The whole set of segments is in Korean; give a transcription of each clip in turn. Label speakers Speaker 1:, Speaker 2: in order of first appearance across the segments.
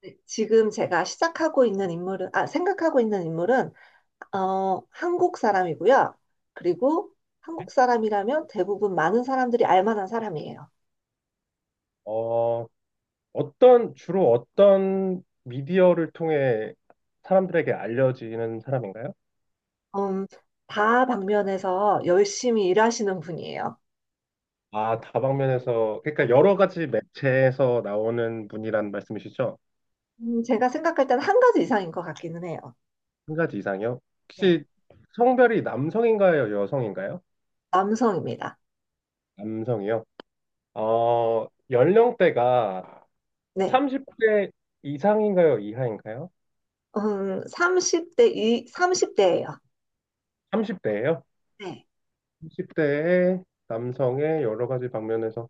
Speaker 1: 네, 지금 제가 시작하고 있는 인물은, 아, 생각하고 있는 인물은, 한국 사람이고요. 그리고 한국 사람이라면 대부분 많은 사람들이 알 만한 사람이에요.
Speaker 2: 어, 주로 어떤 미디어를 통해 사람들에게 알려지는 사람인가요?
Speaker 1: 음, 다 방면에서 열심히 일하시는 분이에요.
Speaker 2: 아, 다방면에서, 그러니까 여러 가지 매체에서 나오는 분이란 말씀이시죠?
Speaker 1: 제가 생각할 때는 한 가지 이상인 것 같기는 해요.
Speaker 2: 한 가지 이상이요?
Speaker 1: 네.
Speaker 2: 혹시 성별이 남성인가요, 여성인가요?
Speaker 1: 남성입니다.
Speaker 2: 남성이요? 연령대가
Speaker 1: 네.
Speaker 2: 30대 이상인가요, 이하인가요?
Speaker 1: 30대, 삼십 대예요.
Speaker 2: 30대예요?
Speaker 1: 네.
Speaker 2: 30대의 남성의 여러 가지 방면에서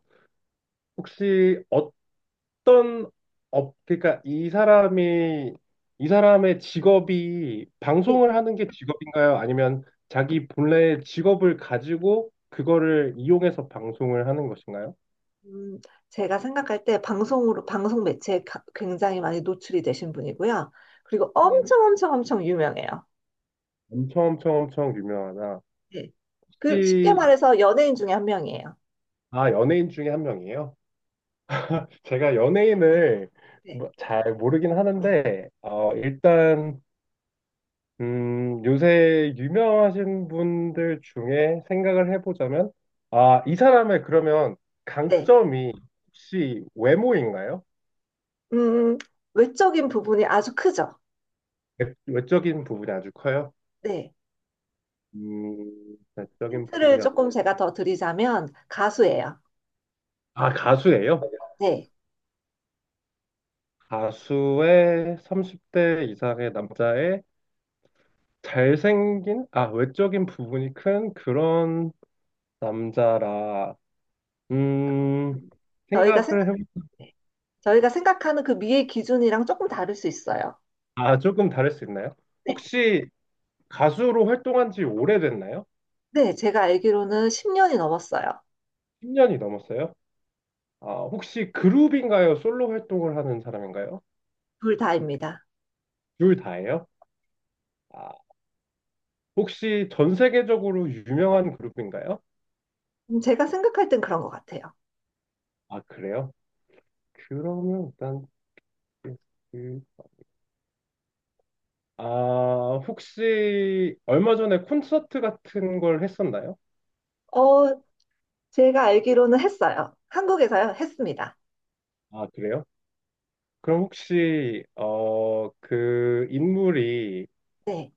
Speaker 2: 혹시 그러니까 이 사람의 직업이
Speaker 1: 네.
Speaker 2: 방송을 하는 게 직업인가요? 아니면 자기 본래의 직업을 가지고 그거를 이용해서 방송을 하는 것인가요?
Speaker 1: 음, 제가 생각할 때 방송으로, 방송 매체에 굉장히 많이 노출이 되신 분이고요. 그리고
Speaker 2: 네.
Speaker 1: 엄청 엄청 엄청 유명해요.
Speaker 2: 엄청 엄청 엄청 유명하다.
Speaker 1: 네. 그 쉽게
Speaker 2: 혹시,
Speaker 1: 말해서 연예인 중에 한 명이에요.
Speaker 2: 아, 연예인 중에 한 명이에요? 제가 연예인을
Speaker 1: 네.
Speaker 2: 잘 모르긴 하는데, 일단 요새 유명하신 분들 중에 생각을 해보자면, 아, 이 사람의 그러면
Speaker 1: 네.
Speaker 2: 강점이 혹시 외모인가요?
Speaker 1: 음, 외적인 부분이 아주 크죠.
Speaker 2: 외적인 부분이 아주 커요.
Speaker 1: 네.
Speaker 2: 외적인
Speaker 1: 힌트를
Speaker 2: 부분이 아주,
Speaker 1: 조금 제가 더 드리자면 가수예요.
Speaker 2: 아, 가수예요?
Speaker 1: 네.
Speaker 2: 가수의 30대 이상의 남자의 잘생긴, 아, 외적인 부분이 큰 그런 남자라, 음,
Speaker 1: 음, 저희가
Speaker 2: 생각을
Speaker 1: 생각,
Speaker 2: 해보,
Speaker 1: 네. 저희가 생각하는 그 미의 기준이랑 조금 다를 수 있어요.
Speaker 2: 아, 조금 다를 수 있나요?
Speaker 1: 네.
Speaker 2: 혹시 가수로 활동한 지 오래됐나요?
Speaker 1: 네. 제가 알기로는 10년이 넘었어요.
Speaker 2: 10년이 넘었어요? 아, 혹시 그룹인가요? 솔로 활동을 하는 사람인가요?
Speaker 1: 둘 다입니다.
Speaker 2: 둘 다예요? 아, 혹시 전 세계적으로 유명한 그룹인가요?
Speaker 1: 제가 생각할 땐 그런 것 같아요.
Speaker 2: 아, 그래요? 그러면 일단 그- 아, 혹시 얼마 전에 콘서트 같은 걸 했었나요?
Speaker 1: 어, 제가 알기로는 했어요. 한국에서요, 했습니다.
Speaker 2: 아, 그래요? 그럼 혹시 그 인물이
Speaker 1: 네.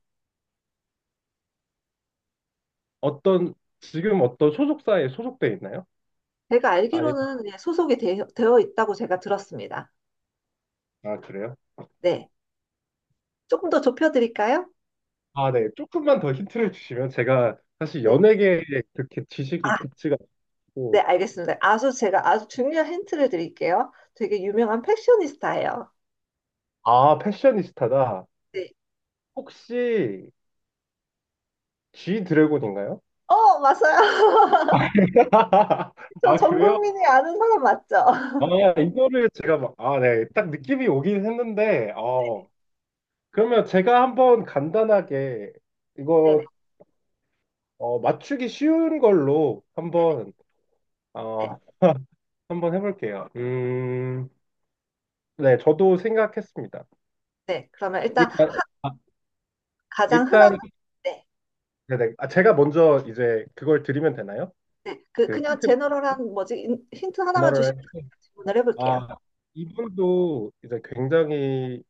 Speaker 2: 어떤 지금 어떤 소속사에 소속돼 있나요?
Speaker 1: 제가
Speaker 2: 아니,
Speaker 1: 알기로는 네, 소속이 되, 어 있다고 제가 들었습니다.
Speaker 2: 아, 그래요?
Speaker 1: 네. 조금 더 좁혀드릴까요?
Speaker 2: 아, 네. 조금만 더 힌트를 주시면 제가 사실
Speaker 1: 네.
Speaker 2: 연예계에 그렇게 지식이
Speaker 1: 아,
Speaker 2: 깊지가
Speaker 1: 네,
Speaker 2: 않고,
Speaker 1: 알겠습니다. 아주 제가 아주 중요한 힌트를 드릴게요. 되게 유명한 패셔니스타예요.
Speaker 2: 아, 패셔니스타다.
Speaker 1: 네.
Speaker 2: 혹시 G 드래곤인가요?
Speaker 1: 어, 맞아요.
Speaker 2: 아,
Speaker 1: 전
Speaker 2: 그래요?
Speaker 1: 국민이 아는 사람 맞죠?
Speaker 2: 아, 이거를 제가 막, 아, 네. 딱 느낌이 오긴 했는데, 그러면 제가 한번 간단하게
Speaker 1: 네네.
Speaker 2: 이거 맞추기 쉬운 걸로
Speaker 1: 네.
Speaker 2: 어, 한번 해볼게요. 네. 저도 생각했습니다.
Speaker 1: 네. 그러면 일단
Speaker 2: 일단, 아,
Speaker 1: 가장
Speaker 2: 일단
Speaker 1: 흔한, 네.
Speaker 2: 네네. 아, 제가 먼저 이제 그걸 드리면 되나요?
Speaker 1: 네.
Speaker 2: 그
Speaker 1: 그냥
Speaker 2: 힌트 제
Speaker 1: 제너럴한 뭐지, 힌트
Speaker 2: 너
Speaker 1: 하나만 주시면
Speaker 2: 를
Speaker 1: 질문을 해볼게요.
Speaker 2: 아 이분도 이제 굉장히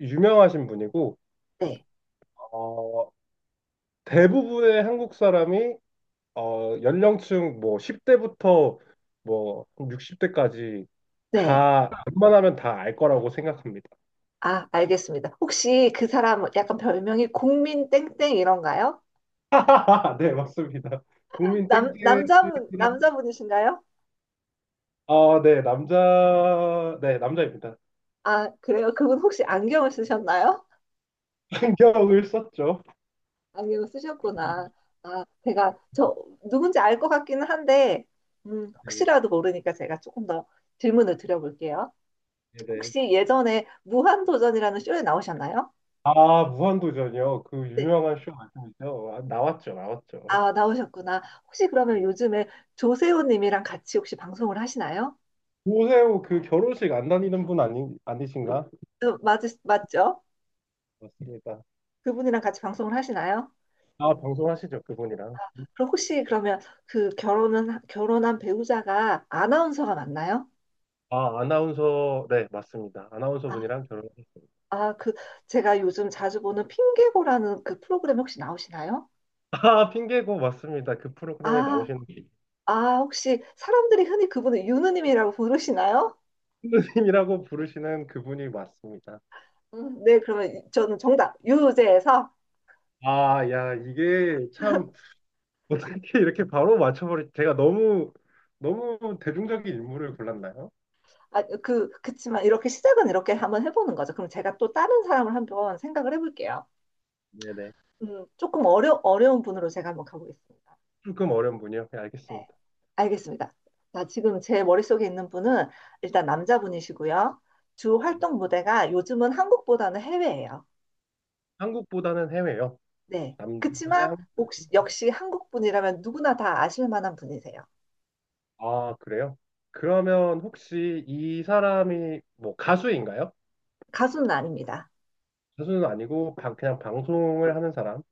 Speaker 2: 유명하신 분이고
Speaker 1: 네.
Speaker 2: 어, 대부분의 한국 사람이 연령층 뭐 10대부터 뭐 60대까지
Speaker 1: 네.
Speaker 2: 다 웬만하면 다 알 거라고 생각합니다.
Speaker 1: 아, 알겠습니다. 혹시 그 사람 약간 별명이 국민 땡땡 이런가요?
Speaker 2: 네, 맞습니다. 국민 땡땡이랑
Speaker 1: 남자분이신가요?
Speaker 2: 아, 네, 남자 네, 남자입니다.
Speaker 1: 아, 그래요? 그분 혹시 안경을 쓰셨나요?
Speaker 2: 안경을 썼죠.
Speaker 1: 안경을 쓰셨구나. 아, 제가 저 누군지 알 것 같기는 한데,
Speaker 2: 네.
Speaker 1: 혹시라도 모르니까 제가 조금 더 질문을 드려볼게요.
Speaker 2: 네네.
Speaker 1: 혹시 예전에 무한도전이라는 쇼에 나오셨나요?
Speaker 2: 아, 무한도전이요. 그
Speaker 1: 네.
Speaker 2: 유명한 쇼 말씀이죠. 아, 나왔죠, 나왔죠.
Speaker 1: 아, 나오셨구나. 혹시 그러면
Speaker 2: 음,
Speaker 1: 요즘에 조세호님이랑 같이 혹시 방송을 하시나요?
Speaker 2: 오세호 그 결혼식 안 다니는 분 아니, 아니신가?
Speaker 1: 어, 맞죠?
Speaker 2: 맞습니다.
Speaker 1: 그분이랑 같이 방송을 하시나요?
Speaker 2: 아,
Speaker 1: 어,
Speaker 2: 방송하시죠, 그분이랑.
Speaker 1: 그럼 혹시 그러면 그 결혼은 결혼한 배우자가 아나운서가 맞나요?
Speaker 2: 아, 아나운서, 네, 맞습니다. 아나운서
Speaker 1: 아,
Speaker 2: 분이랑 결혼하셨어요.
Speaker 1: 아, 그 제가 요즘 자주 보는 핑계고라는 그 프로그램 혹시 나오시나요?
Speaker 2: 아, 핑계고 맞습니다. 그 프로그램에
Speaker 1: 아,
Speaker 2: 나오시는
Speaker 1: 아, 혹시 사람들이 흔히 그분을 유느님이라고 부르시나요?
Speaker 2: 선생님이라고 부르시는 그분이 맞습니다.
Speaker 1: 네, 그러면 저는 정답 유재에서
Speaker 2: 아, 야, 이게 참 어떻게 이렇게 바로 제가 너무, 너무 대중적인 인물을 골랐나요?
Speaker 1: 아, 그치만 이렇게 시작은 이렇게 한번 해보는 거죠. 그럼 제가 또 다른 사람을 한번 생각을 해볼게요.
Speaker 2: 네네.
Speaker 1: 조금 어려운 분으로 제가 한번 가보겠습니다.
Speaker 2: 조금 어려운 분이요. 네,
Speaker 1: 네,
Speaker 2: 알겠습니다.
Speaker 1: 알겠습니다. 자, 지금 제 머릿속에 있는 분은 일단 남자분이시고요. 주 활동 무대가 요즘은 한국보다는 해외예요.
Speaker 2: 한국보다는 해외요.
Speaker 1: 네.
Speaker 2: 남자분은
Speaker 1: 그치만
Speaker 2: 한국보다는 해외.
Speaker 1: 역시 한국분이라면 누구나 다 아실 만한 분이세요.
Speaker 2: 아, 그래요? 그러면 혹시 이 사람이 뭐 가수인가요?
Speaker 1: 가수는 아닙니다.
Speaker 2: 가수는 아니고 그냥 방송을 하는 사람,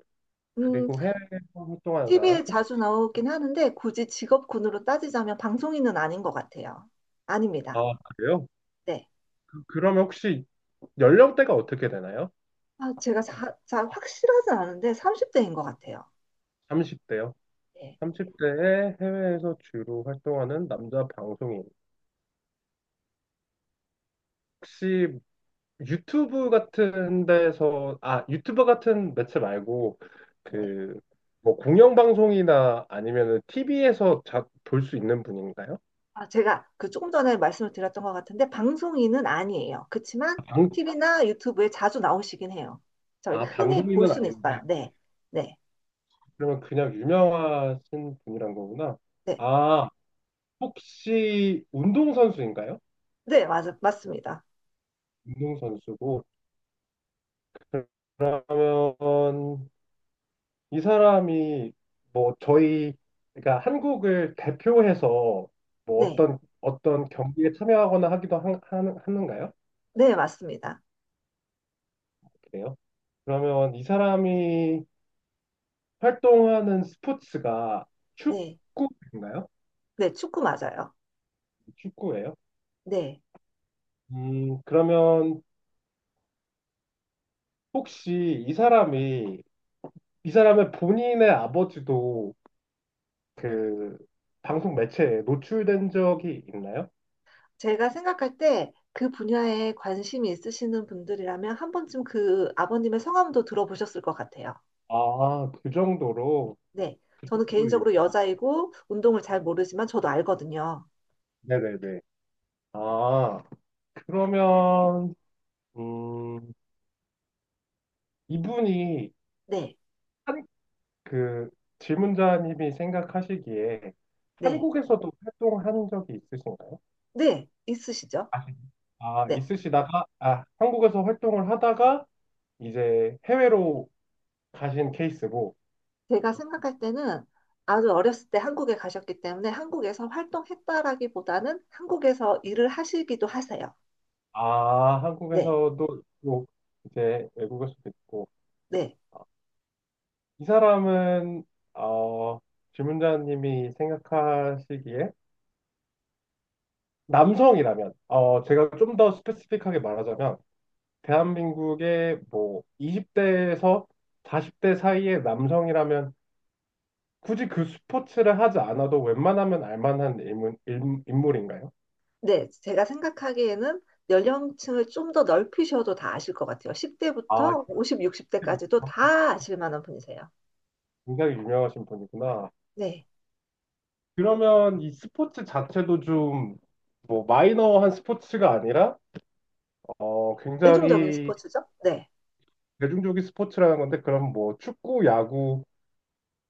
Speaker 1: 음,
Speaker 2: 그리고 해외에서 활동하는 사람.
Speaker 1: TV에
Speaker 2: 혹시
Speaker 1: 자주 나오긴 하는데 굳이 직업군으로 따지자면 방송인은 아닌 것 같아요. 아닙니다.
Speaker 2: 아, 그래요?
Speaker 1: 네.
Speaker 2: 그러면 혹시 연령대가 어떻게 되나요?
Speaker 1: 아, 제가 확실하진 않은데 30대인 것 같아요.
Speaker 2: 30대요.
Speaker 1: 네.
Speaker 2: 30대에 해외에서 주로 활동하는 남자 방송인. 혹시 유튜브 같은 데서, 아, 유튜버 같은 매체 말고,
Speaker 1: 네.
Speaker 2: 그, 뭐, 공영방송이나 아니면은 TV에서 볼 수 있는 분인가요?
Speaker 1: 아, 제가 그 조금 전에 말씀을 드렸던 것 같은데 방송인은 아니에요. 그렇지만
Speaker 2: 아, 방,
Speaker 1: TV나 유튜브에 자주 나오시긴 해요. 저희가
Speaker 2: 아,
Speaker 1: 흔히 볼
Speaker 2: 방송인은
Speaker 1: 수는
Speaker 2: 아닌데,
Speaker 1: 있어요. 네, 네,
Speaker 2: 그러면 그냥 유명하신 분이란 거구나.
Speaker 1: 네,
Speaker 2: 아, 혹시 운동선수인가요?
Speaker 1: 네, 맞습니다.
Speaker 2: 운동선수고, 그러면 이 사람이 뭐 저희 그러니까 한국을 대표해서 뭐
Speaker 1: 네,
Speaker 2: 어떤 경기에 참여하거나 하기도 하는가요?
Speaker 1: 네, 맞습니다.
Speaker 2: 그래요? 그러면 이 사람이 활동하는 스포츠가
Speaker 1: 네,
Speaker 2: 축구인가요?
Speaker 1: 네, 축구 맞아요.
Speaker 2: 축구예요?
Speaker 1: 네,
Speaker 2: 그러면 혹시 이 사람의 본인의 아버지도 그 방송 매체에 노출된 적이 있나요?
Speaker 1: 제가 생각할 때 그 분야에 관심이 있으시는 분들이라면 한 번쯤 그 아버님의 성함도 들어보셨을 것 같아요.
Speaker 2: 아,
Speaker 1: 네,
Speaker 2: 그
Speaker 1: 저는
Speaker 2: 정도로
Speaker 1: 개인적으로 여자이고 운동을 잘 모르지만 저도 알거든요.
Speaker 2: 네네네. 아, 그러면, 음, 이분이
Speaker 1: 네,
Speaker 2: 한, 그 질문자님이 생각하시기에
Speaker 1: 네,
Speaker 2: 한국에서도 활동한 적이 있으신가요?
Speaker 1: 네, 있으시죠?
Speaker 2: 아시- 아,
Speaker 1: 네.
Speaker 2: 있으시다가, 아, 한국에서 활동을 하다가 이제 해외로 가신 케이스고,
Speaker 1: 제가 생각할 때는 아주 어렸을 때 한국에 가셨기 때문에 한국에서 활동했다라기보다는 한국에서 일을 하시기도 하세요.
Speaker 2: 아,
Speaker 1: 네,
Speaker 2: 한국에서도 있고, 이제 외국에서도 있고,
Speaker 1: 네,
Speaker 2: 아, 이 사람은, 어, 질문자님이 생각하시기에 남성이라면, 제가 좀 더 스페시픽하게 말하자면, 대한민국의 뭐 20대에서 40대 사이의 남성이라면 굳이 그 스포츠를 하지 않아도 웬만하면 알만한 인물인가요?
Speaker 1: 네. 제가 생각하기에는 연령층을 좀 더 넓히셔도 다 아실 것 같아요.
Speaker 2: 아,
Speaker 1: 10대부터 50, 60대까지도 다 아실 만한 분이세요.
Speaker 2: 굉장히 유명하신 분이구나.
Speaker 1: 네.
Speaker 2: 그러면 이 스포츠 자체도 좀 뭐 마이너한 스포츠가 아니라
Speaker 1: 대중적인
Speaker 2: 굉장히
Speaker 1: 스포츠죠? 네,
Speaker 2: 대중적인 스포츠라는 건데, 그럼 뭐 축구, 야구,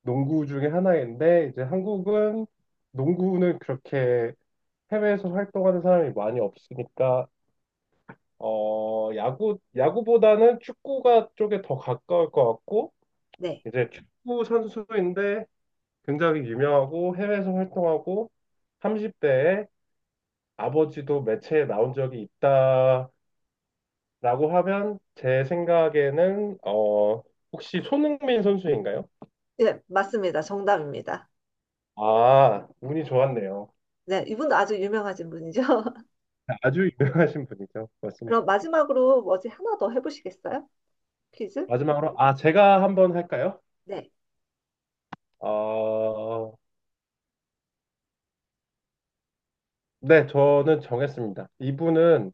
Speaker 2: 농구 중에 하나인데 이제 한국은 농구는 그렇게 해외에서 활동하는 사람이 많이 없으니까 야구보다는 축구가 쪽에 더 가까울 것 같고,
Speaker 1: 네.
Speaker 2: 이제 축구 선수인데 굉장히 유명하고 해외에서 활동하고 30대에 아버지도 매체에 나온 적이 있다라고 하면 제 생각에는 혹시 손흥민 선수인가요?
Speaker 1: 네, 맞습니다. 정답입니다.
Speaker 2: 아, 운이 좋았네요.
Speaker 1: 네, 이분도 아주 유명하신 분이죠.
Speaker 2: 아주 유명하신 분이죠.
Speaker 1: 그럼 마지막으로 뭐지 하나 더 해보시겠어요? 퀴즈?
Speaker 2: 마지막으로, 아, 제가 한번 할까요?
Speaker 1: 네,
Speaker 2: 어, 네, 저는 정했습니다. 이분은,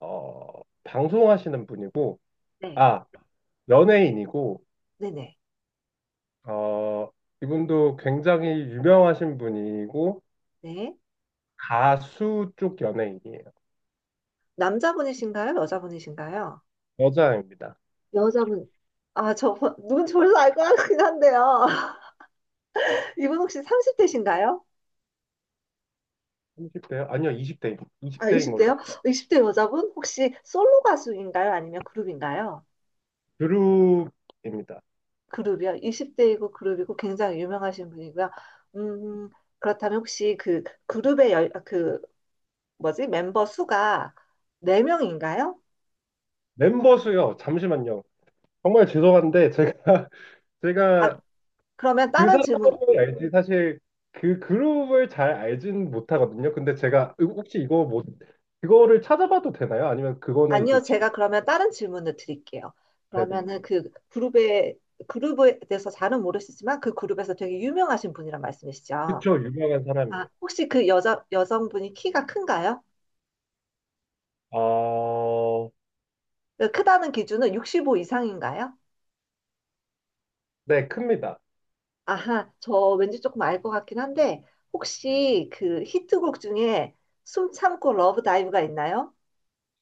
Speaker 2: 방송하시는 분이고,
Speaker 1: 네,
Speaker 2: 아, 연예인이고,
Speaker 1: 네네.
Speaker 2: 어, 이분도 굉장히 유명하신 분이고,
Speaker 1: 네.
Speaker 2: 가수 쪽 연예인이에요.
Speaker 1: 남자분이신가요? 여자분이신가요?
Speaker 2: 여자입니다.
Speaker 1: 여자분, 아, 저, 눈 졸라 알 것 같긴 한데요. 이분 혹시 30대신가요?
Speaker 2: 30대요? 아니요, 20대입니다.
Speaker 1: 아,
Speaker 2: 20대인 걸로.
Speaker 1: 20대요?
Speaker 2: 알고.
Speaker 1: 20대 여자분? 혹시 솔로 가수인가요? 아니면 그룹인가요?
Speaker 2: 그룹입니다.
Speaker 1: 그룹이요? 20대이고 그룹이고 굉장히 유명하신 분이고요. 음, 그렇다면 혹시 그 그룹의 열, 아, 그, 뭐지? 멤버 수가 4명인가요?
Speaker 2: 멤버 수요, 잠시만요. 정말 죄송한데, 제가,
Speaker 1: 아,
Speaker 2: 제가
Speaker 1: 그러면
Speaker 2: 그
Speaker 1: 다른 질문
Speaker 2: 사람을 알지 사실 그 그룹을 잘 알진 못하거든요. 근데 제가 혹시 이거 뭐 그거를 찾아봐도 되나요? 아니면 그거는
Speaker 1: 아니요,
Speaker 2: 이제 치킨
Speaker 1: 제가 그러면 다른 질문을 드릴게요.
Speaker 2: 네네네.
Speaker 1: 그러면은 그 그룹에 그룹에 대해서 잘은 모르시지만 그 그룹에서 되게 유명하신 분이란 말씀이시죠?
Speaker 2: 그쵸, 유명한 사람이에요.
Speaker 1: 아, 혹시 그 여자 여성분이 키가 큰가요?
Speaker 2: 어...
Speaker 1: 그 크다는 기준은 65 이상인가요?
Speaker 2: 네, 큽니다.
Speaker 1: 아하, 저 왠지 조금 알 것 같긴 한데 혹시 그 히트곡 중에 숨 참고 러브 다이브가 있나요?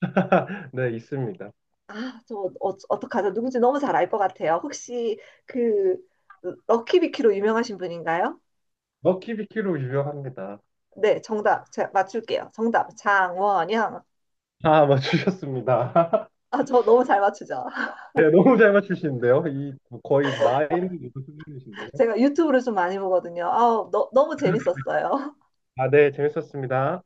Speaker 2: 네, 있습니다.
Speaker 1: 아, 저 어떡하죠? 누군지 너무 잘 알 것 같아요. 혹시 그 럭키비키로 유명하신 분인가요?
Speaker 2: 먹키비키로 유명합니다.
Speaker 1: 네, 정답. 제가 맞출게요. 정답. 장원영.
Speaker 2: 아, 맞추셨습니다.
Speaker 1: 아, 저 너무 잘 맞추죠?
Speaker 2: 네, 너무 잘 맞추시는데요. 이 거의 마인 수준이신데요.
Speaker 1: 제가 유튜브를 좀 많이 보거든요. 아, 너무 재밌었어요.
Speaker 2: 아, 네, 재밌었습니다.